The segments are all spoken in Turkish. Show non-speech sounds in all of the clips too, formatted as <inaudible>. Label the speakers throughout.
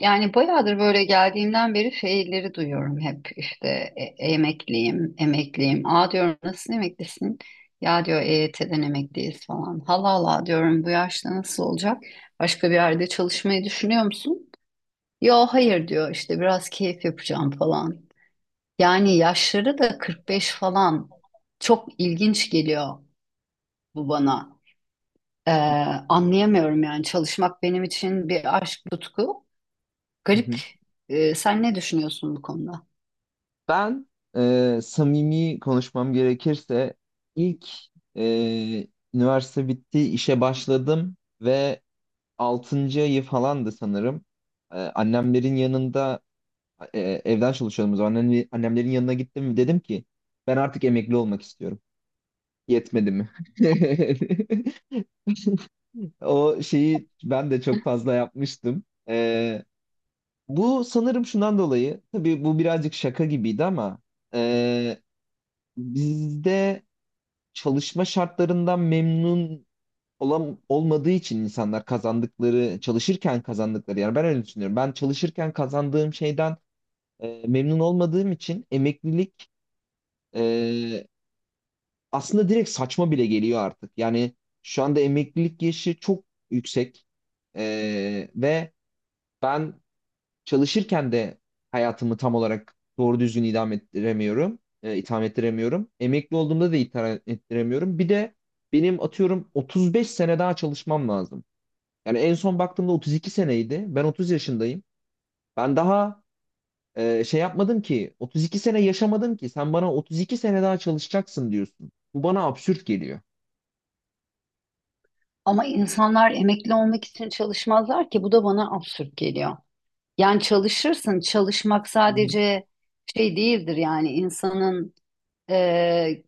Speaker 1: Yani bayağıdır böyle geldiğimden beri şeyleri duyuyorum hep işte emekliyim, emekliyim. Aa diyorum, nasıl emeklisin? Ya diyor EYT'den emekliyiz falan. Hala diyorum bu yaşta nasıl olacak? Başka bir yerde çalışmayı düşünüyor musun? Yo, hayır diyor, işte biraz keyif yapacağım falan. Yani yaşları da 45 falan, çok ilginç geliyor bu bana. Ee, Anlayamıyorum yani, çalışmak benim için bir aşk, tutku.
Speaker 2: Hı
Speaker 1: Garip.
Speaker 2: hı.
Speaker 1: Sen ne düşünüyorsun bu konuda?
Speaker 2: Ben samimi konuşmam gerekirse ilk e, üniversite bitti, işe başladım ve 6. ayı falandı sanırım. Annemlerin yanında e, evden çalışıyordum o zaman. Annemlerin yanına gittim, dedim ki ben artık emekli olmak istiyorum. Yetmedi mi? <laughs> O şeyi ben de çok fazla yapmıştım. E, Bu sanırım şundan dolayı, tabii bu birazcık şaka gibiydi ama bizde çalışma şartlarından memnun olan olmadığı için insanlar kazandıkları çalışırken kazandıkları, yani ben öyle düşünüyorum. Ben çalışırken kazandığım şeyden memnun olmadığım için emeklilik e, aslında direkt saçma bile geliyor artık. Yani şu anda emeklilik yaşı çok yüksek. Ve ben çalışırken de hayatımı tam olarak doğru düzgün idam ettiremiyorum. İtham ettiremiyorum. Emekli olduğumda da itham ettiremiyorum. Bir de benim atıyorum 35 sene daha çalışmam lazım. Yani en son baktığımda 32 seneydi. Ben 30 yaşındayım. Ben daha şey yapmadım ki, 32 sene yaşamadım ki sen bana 32 sene daha çalışacaksın diyorsun. Bu bana absürt geliyor.
Speaker 1: Ama insanlar emekli olmak için çalışmazlar ki, bu da bana absürt geliyor. Yani çalışırsın, çalışmak
Speaker 2: Hı hı,
Speaker 1: sadece şey değildir yani insanın e,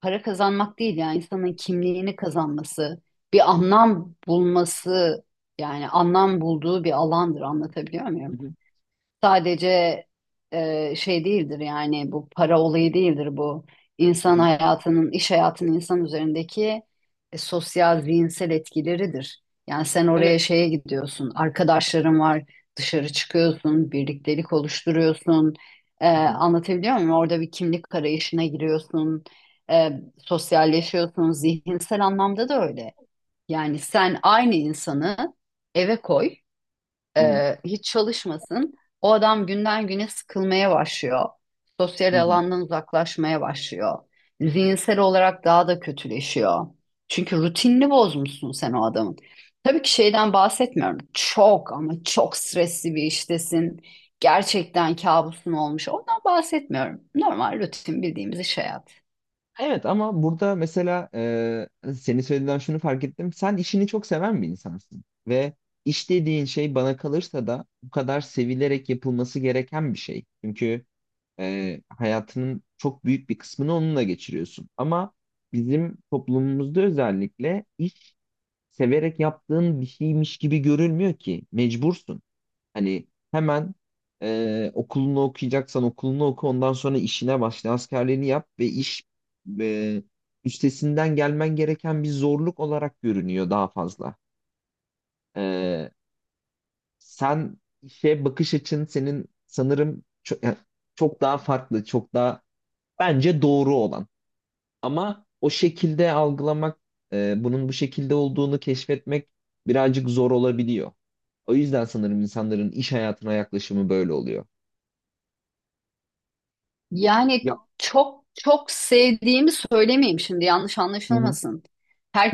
Speaker 1: para kazanmak değil, yani insanın kimliğini kazanması, bir anlam bulması, yani anlam bulduğu bir alandır, anlatabiliyor
Speaker 2: hı
Speaker 1: muyum?
Speaker 2: hı,
Speaker 1: Sadece şey değildir yani, bu para olayı değildir, bu
Speaker 2: hı
Speaker 1: insan
Speaker 2: hı.
Speaker 1: hayatının, iş hayatının insan üzerindeki sosyal, zihinsel etkileridir. Yani sen oraya
Speaker 2: Evet.
Speaker 1: şeye gidiyorsun, arkadaşların var, dışarı çıkıyorsun, birliktelik oluşturuyorsun. E,
Speaker 2: Hı hı,
Speaker 1: anlatabiliyor muyum? Orada bir kimlik arayışına giriyorsun, e, sosyalleşiyorsun, zihinsel anlamda da öyle. Yani sen aynı insanı eve koy,
Speaker 2: hı hı,
Speaker 1: hiç çalışmasın. O adam günden güne sıkılmaya başlıyor.
Speaker 2: hı
Speaker 1: Sosyal
Speaker 2: hı.
Speaker 1: alandan uzaklaşmaya başlıyor. Zihinsel olarak daha da kötüleşiyor. Çünkü rutinini bozmuşsun sen o adamın. Tabii ki şeyden bahsetmiyorum, çok ama çok stresli bir iştesin. Gerçekten kabusun olmuş. Ondan bahsetmiyorum. Normal rutin bildiğimiz iş hayatı.
Speaker 2: Evet, ama burada mesela senin söylediğinden şunu fark ettim. Sen işini çok seven bir insansın. Ve iş dediğin şey bana kalırsa da bu kadar sevilerek yapılması gereken bir şey. Çünkü hayatının çok büyük bir kısmını onunla geçiriyorsun. Ama bizim toplumumuzda özellikle iş severek yaptığın bir şeymiş gibi görülmüyor ki. Mecbursun. Hani hemen okulunu okuyacaksan okulunu oku, ondan sonra işine başla. Askerliğini yap ve iş e, üstesinden gelmen gereken bir zorluk olarak görünüyor daha fazla. E, Sen, işe bakış açın senin sanırım çok, yani çok daha farklı, çok daha bence doğru olan. Ama o şekilde algılamak, bunun bu şekilde olduğunu keşfetmek birazcık zor olabiliyor. O yüzden sanırım insanların iş hayatına yaklaşımı böyle oluyor.
Speaker 1: Yani çok çok sevdiğimi söylemeyeyim şimdi, yanlış
Speaker 2: Hı hı.
Speaker 1: anlaşılmasın.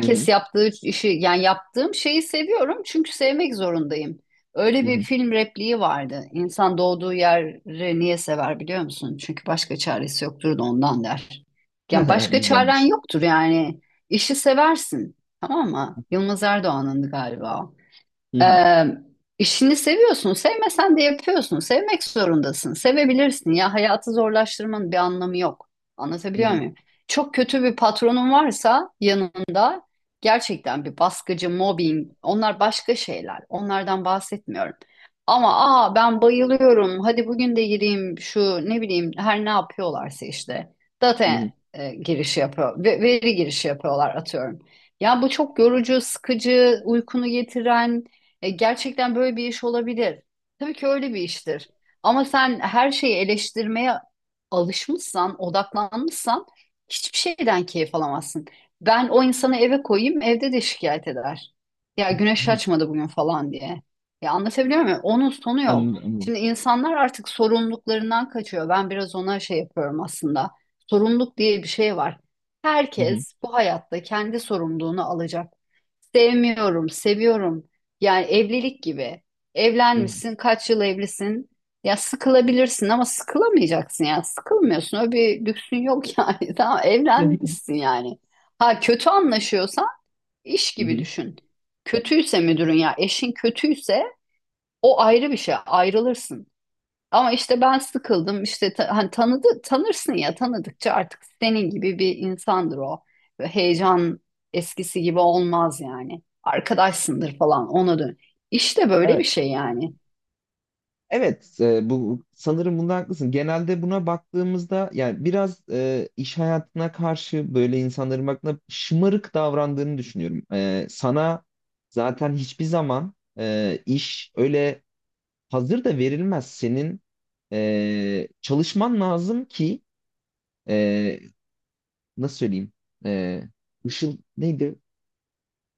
Speaker 2: Hı hı.
Speaker 1: yaptığı işi, yani yaptığım şeyi seviyorum çünkü sevmek zorundayım. Öyle
Speaker 2: Hı
Speaker 1: bir
Speaker 2: hı.
Speaker 1: film repliği vardı. İnsan doğduğu yeri niye sever biliyor musun? Çünkü başka çaresi yoktur da ondan, der. Yani
Speaker 2: <laughs>
Speaker 1: başka çaren
Speaker 2: Güzelmiş.
Speaker 1: yoktur yani. İşi seversin. Tamam mı? Yılmaz Erdoğan'ındı galiba.
Speaker 2: Hı hı.
Speaker 1: Ee, işini seviyorsun, sevmesen de yapıyorsun. Sevmek zorundasın, sevebilirsin. Ya, hayatı zorlaştırmanın bir anlamı yok.
Speaker 2: Hı
Speaker 1: Anlatabiliyor
Speaker 2: hı.
Speaker 1: muyum? Çok kötü bir patronun varsa yanında, gerçekten bir baskıcı, mobbing, onlar başka şeyler. Onlardan bahsetmiyorum. Ama aa, ben bayılıyorum, hadi bugün de gireyim şu, ne bileyim, her ne yapıyorlarsa işte.
Speaker 2: Hı
Speaker 1: Data
Speaker 2: hı.
Speaker 1: girişi yapıyor. Veri girişi yapıyorlar, atıyorum. Ya bu çok yorucu, sıkıcı, uykunu getiren, gerçekten böyle bir iş olabilir. Tabii ki öyle bir iştir. Ama sen her şeyi eleştirmeye alışmışsan, odaklanmışsan, hiçbir şeyden keyif alamazsın. Ben o insanı eve koyayım, evde de şikayet eder. Ya, güneş açmadı bugün falan diye. Ya, anlatabiliyor muyum? Onun sonu yok.
Speaker 2: Anladım, anladım.
Speaker 1: Şimdi insanlar artık sorumluluklarından kaçıyor. Ben biraz ona şey yapıyorum aslında. Sorumluluk diye bir şey var.
Speaker 2: Hı hı.
Speaker 1: Herkes bu hayatta kendi sorumluluğunu alacak. Sevmiyorum, seviyorum. Yani evlilik gibi.
Speaker 2: Hı hı.
Speaker 1: Evlenmişsin, kaç yıl evlisin? Ya sıkılabilirsin ama sıkılamayacaksın ya. Sıkılmıyorsun. Öyle bir lüksün yok yani. <laughs> Tamam,
Speaker 2: <laughs>
Speaker 1: evlenmişsin yani. Ha, kötü anlaşıyorsa iş
Speaker 2: Hı
Speaker 1: gibi
Speaker 2: hı.
Speaker 1: düşün. Kötüyse müdürün, ya eşin kötüyse, o ayrı bir şey, ayrılırsın. Ama işte ben sıkıldım işte, hani tanıdı, tanırsın ya, tanıdıkça artık senin gibi bir insandır o. Ve heyecan eskisi gibi olmaz yani. Arkadaşsındır falan, ona dön. İşte böyle bir
Speaker 2: Evet.
Speaker 1: şey yani.
Speaker 2: Evet, bu sanırım bunda haklısın. Genelde buna baktığımızda, yani biraz iş hayatına karşı böyle insanların baktığında şımarık davrandığını düşünüyorum. Sana zaten hiçbir zaman iş öyle hazır da verilmez. Senin çalışman lazım ki, e, nasıl söyleyeyim? Ee, ışıl neydi?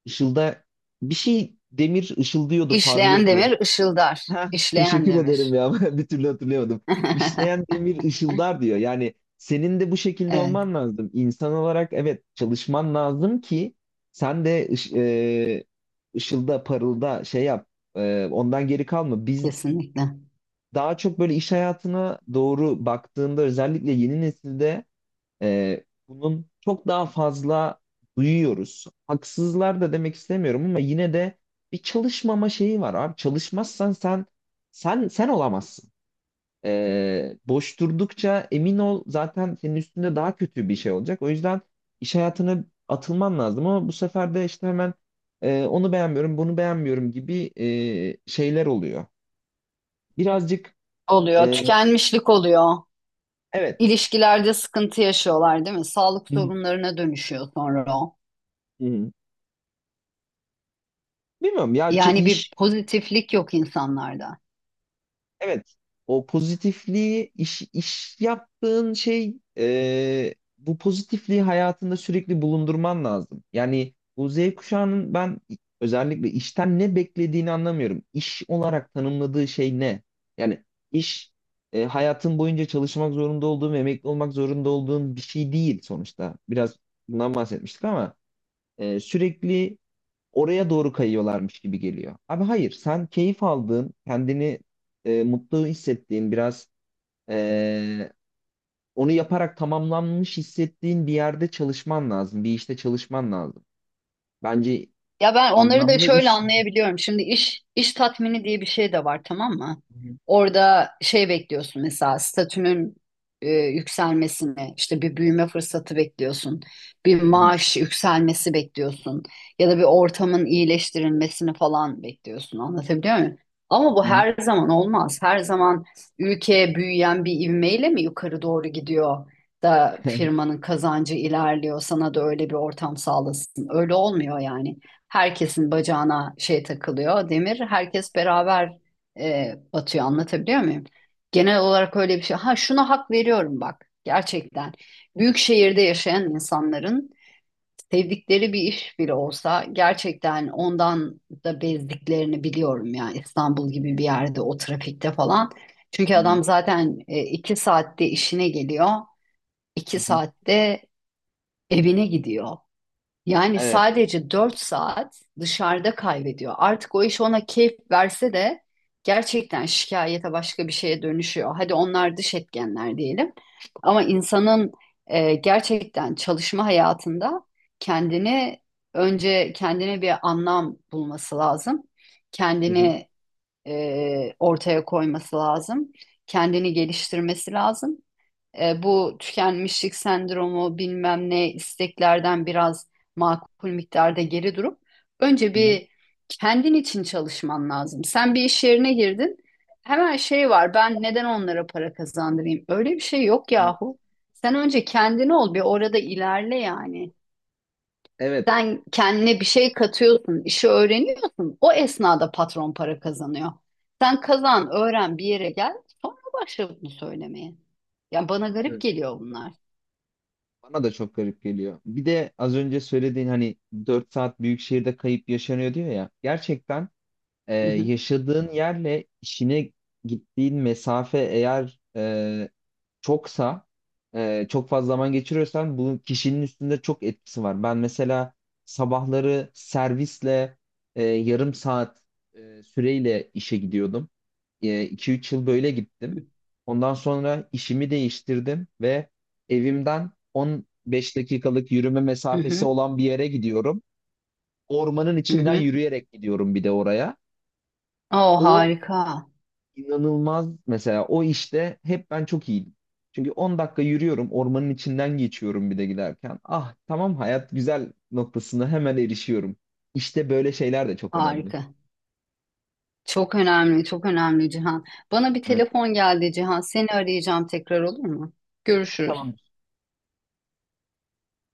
Speaker 2: Işılda bir şey, demir ışıldıyordu,
Speaker 1: İşleyen
Speaker 2: parlıyordu.
Speaker 1: demir ışıldar.
Speaker 2: Ha, <laughs>
Speaker 1: İşleyen
Speaker 2: teşekkür ederim
Speaker 1: demir.
Speaker 2: ya. <laughs> Ben bir türlü hatırlayamadım.
Speaker 1: <laughs>
Speaker 2: İşleyen demir ışıldar diyor. Yani senin de bu şekilde
Speaker 1: Evet,
Speaker 2: olman lazım. İnsan olarak, evet, çalışman lazım ki sen de ışılda, parılda, şey yap. Ondan geri kalma. Biz
Speaker 1: kesinlikle.
Speaker 2: daha çok böyle iş hayatına doğru baktığında, özellikle yeni nesilde bunun çok daha fazla duyuyoruz. Haksızlar da demek istemiyorum, ama yine de bir çalışmama şeyi var abi. Çalışmazsan sen sen olamazsın. Boş durdukça emin ol, zaten senin üstünde daha kötü bir şey olacak. O yüzden iş hayatına atılman lazım, ama bu sefer de işte hemen onu beğenmiyorum, bunu beğenmiyorum gibi şeyler oluyor. Birazcık,
Speaker 1: Oluyor,
Speaker 2: e,
Speaker 1: tükenmişlik oluyor.
Speaker 2: evet.
Speaker 1: İlişkilerde sıkıntı yaşıyorlar değil mi? Sağlık
Speaker 2: Hı hı.
Speaker 1: sorunlarına dönüşüyor sonra o.
Speaker 2: Hı hı. Bilmiyorum ya,
Speaker 1: Yani bir
Speaker 2: iş.
Speaker 1: pozitiflik yok insanlarda.
Speaker 2: Evet, o pozitifliği iş yaptığın şey, bu pozitifliği hayatında sürekli bulundurman lazım. Yani bu Z kuşağının ben özellikle işten ne beklediğini anlamıyorum. İş olarak tanımladığı şey ne? Yani iş hayatın boyunca çalışmak zorunda olduğun, emekli olmak zorunda olduğun bir şey değil sonuçta. Biraz bundan bahsetmiştik, ama sürekli oraya doğru kayıyorlarmış gibi geliyor. Abi hayır, sen keyif aldığın, kendini mutlu hissettiğin, biraz e, onu yaparak tamamlanmış hissettiğin bir yerde çalışman lazım, bir işte çalışman lazım. Bence
Speaker 1: Ya ben onları da
Speaker 2: anlamlı
Speaker 1: şöyle
Speaker 2: iş.
Speaker 1: anlayabiliyorum. Şimdi iş, iş tatmini diye bir şey de var, tamam mı?
Speaker 2: Hı
Speaker 1: Orada şey bekliyorsun mesela, statünün yükselmesini, işte bir büyüme fırsatı bekliyorsun, bir
Speaker 2: hı,
Speaker 1: maaş yükselmesi bekliyorsun, ya da bir ortamın iyileştirilmesini falan bekliyorsun. Anlatabiliyor muyum? Ama bu
Speaker 2: hı hı,
Speaker 1: her zaman olmaz. Her zaman ülke büyüyen bir ivmeyle mi yukarı doğru gidiyor da firmanın kazancı ilerliyor, sana da öyle bir ortam sağlasın. Öyle olmuyor yani. Herkesin bacağına şey takılıyor, demir. Herkes beraber batıyor. Anlatabiliyor muyum? Genel olarak öyle bir şey. Ha, şuna hak veriyorum bak, gerçekten. Büyük şehirde yaşayan insanların sevdikleri bir iş bile olsa gerçekten ondan da bezdiklerini biliyorum, ya İstanbul gibi bir yerde o trafikte falan. Çünkü
Speaker 2: hı hı,
Speaker 1: adam zaten iki saatte işine geliyor, iki
Speaker 2: hı hı, hı hı.
Speaker 1: saatte evine gidiyor. Yani
Speaker 2: Evet.
Speaker 1: sadece 4 saat dışarıda kaybediyor. Artık o iş ona keyif verse de gerçekten şikayete, başka bir şeye dönüşüyor. Hadi onlar dış etkenler diyelim. Ama insanın gerçekten çalışma hayatında kendini, önce kendine bir anlam bulması lazım.
Speaker 2: Hı hı,
Speaker 1: Kendini ortaya koyması lazım. Kendini geliştirmesi lazım. Bu tükenmişlik sendromu, bilmem ne isteklerden biraz makul miktarda geri durup önce
Speaker 2: hı hı,
Speaker 1: bir kendin için çalışman lazım. Sen bir iş yerine girdin. Hemen şey var: ben neden onlara para kazandırayım? Öyle bir şey yok
Speaker 2: hı.
Speaker 1: yahu. Sen önce kendin ol, bir orada ilerle yani.
Speaker 2: Evet.
Speaker 1: Sen kendine bir şey katıyorsun, işi öğreniyorsun. O esnada patron para kazanıyor. Sen kazan, öğren, bir yere gel, sonra başla bunu söylemeye. Yani bana garip
Speaker 2: Evet.
Speaker 1: geliyor bunlar.
Speaker 2: Bana da çok garip geliyor. Bir de az önce söylediğin, hani 4 saat büyük şehirde kayıp yaşanıyor diyor ya. Gerçekten
Speaker 1: Hı hı,
Speaker 2: yaşadığın yerle işine gittiğin mesafe eğer çoksa, çok fazla zaman geçiriyorsan, bu kişinin üstünde çok etkisi var. Ben mesela sabahları servisle yarım saat süreyle işe gidiyordum. 2-3 yıl böyle gittim. Ondan sonra işimi değiştirdim ve evimden 15 dakikalık yürüme
Speaker 1: hı
Speaker 2: mesafesi
Speaker 1: hı,
Speaker 2: olan bir yere gidiyorum. Ormanın
Speaker 1: hı
Speaker 2: içinden
Speaker 1: hı.
Speaker 2: yürüyerek gidiyorum bir de oraya.
Speaker 1: Oo,
Speaker 2: O
Speaker 1: harika,
Speaker 2: inanılmaz, mesela o işte hep ben çok iyiydim. Çünkü 10 dakika yürüyorum, ormanın içinden geçiyorum bir de giderken. Ah, tamam, hayat güzel noktasına hemen erişiyorum. İşte böyle şeyler de çok önemli.
Speaker 1: harika. Çok önemli, çok önemli Cihan. Bana bir
Speaker 2: Evet.
Speaker 1: telefon geldi Cihan. Seni arayacağım tekrar, olur mu? Görüşürüz.
Speaker 2: Tamam.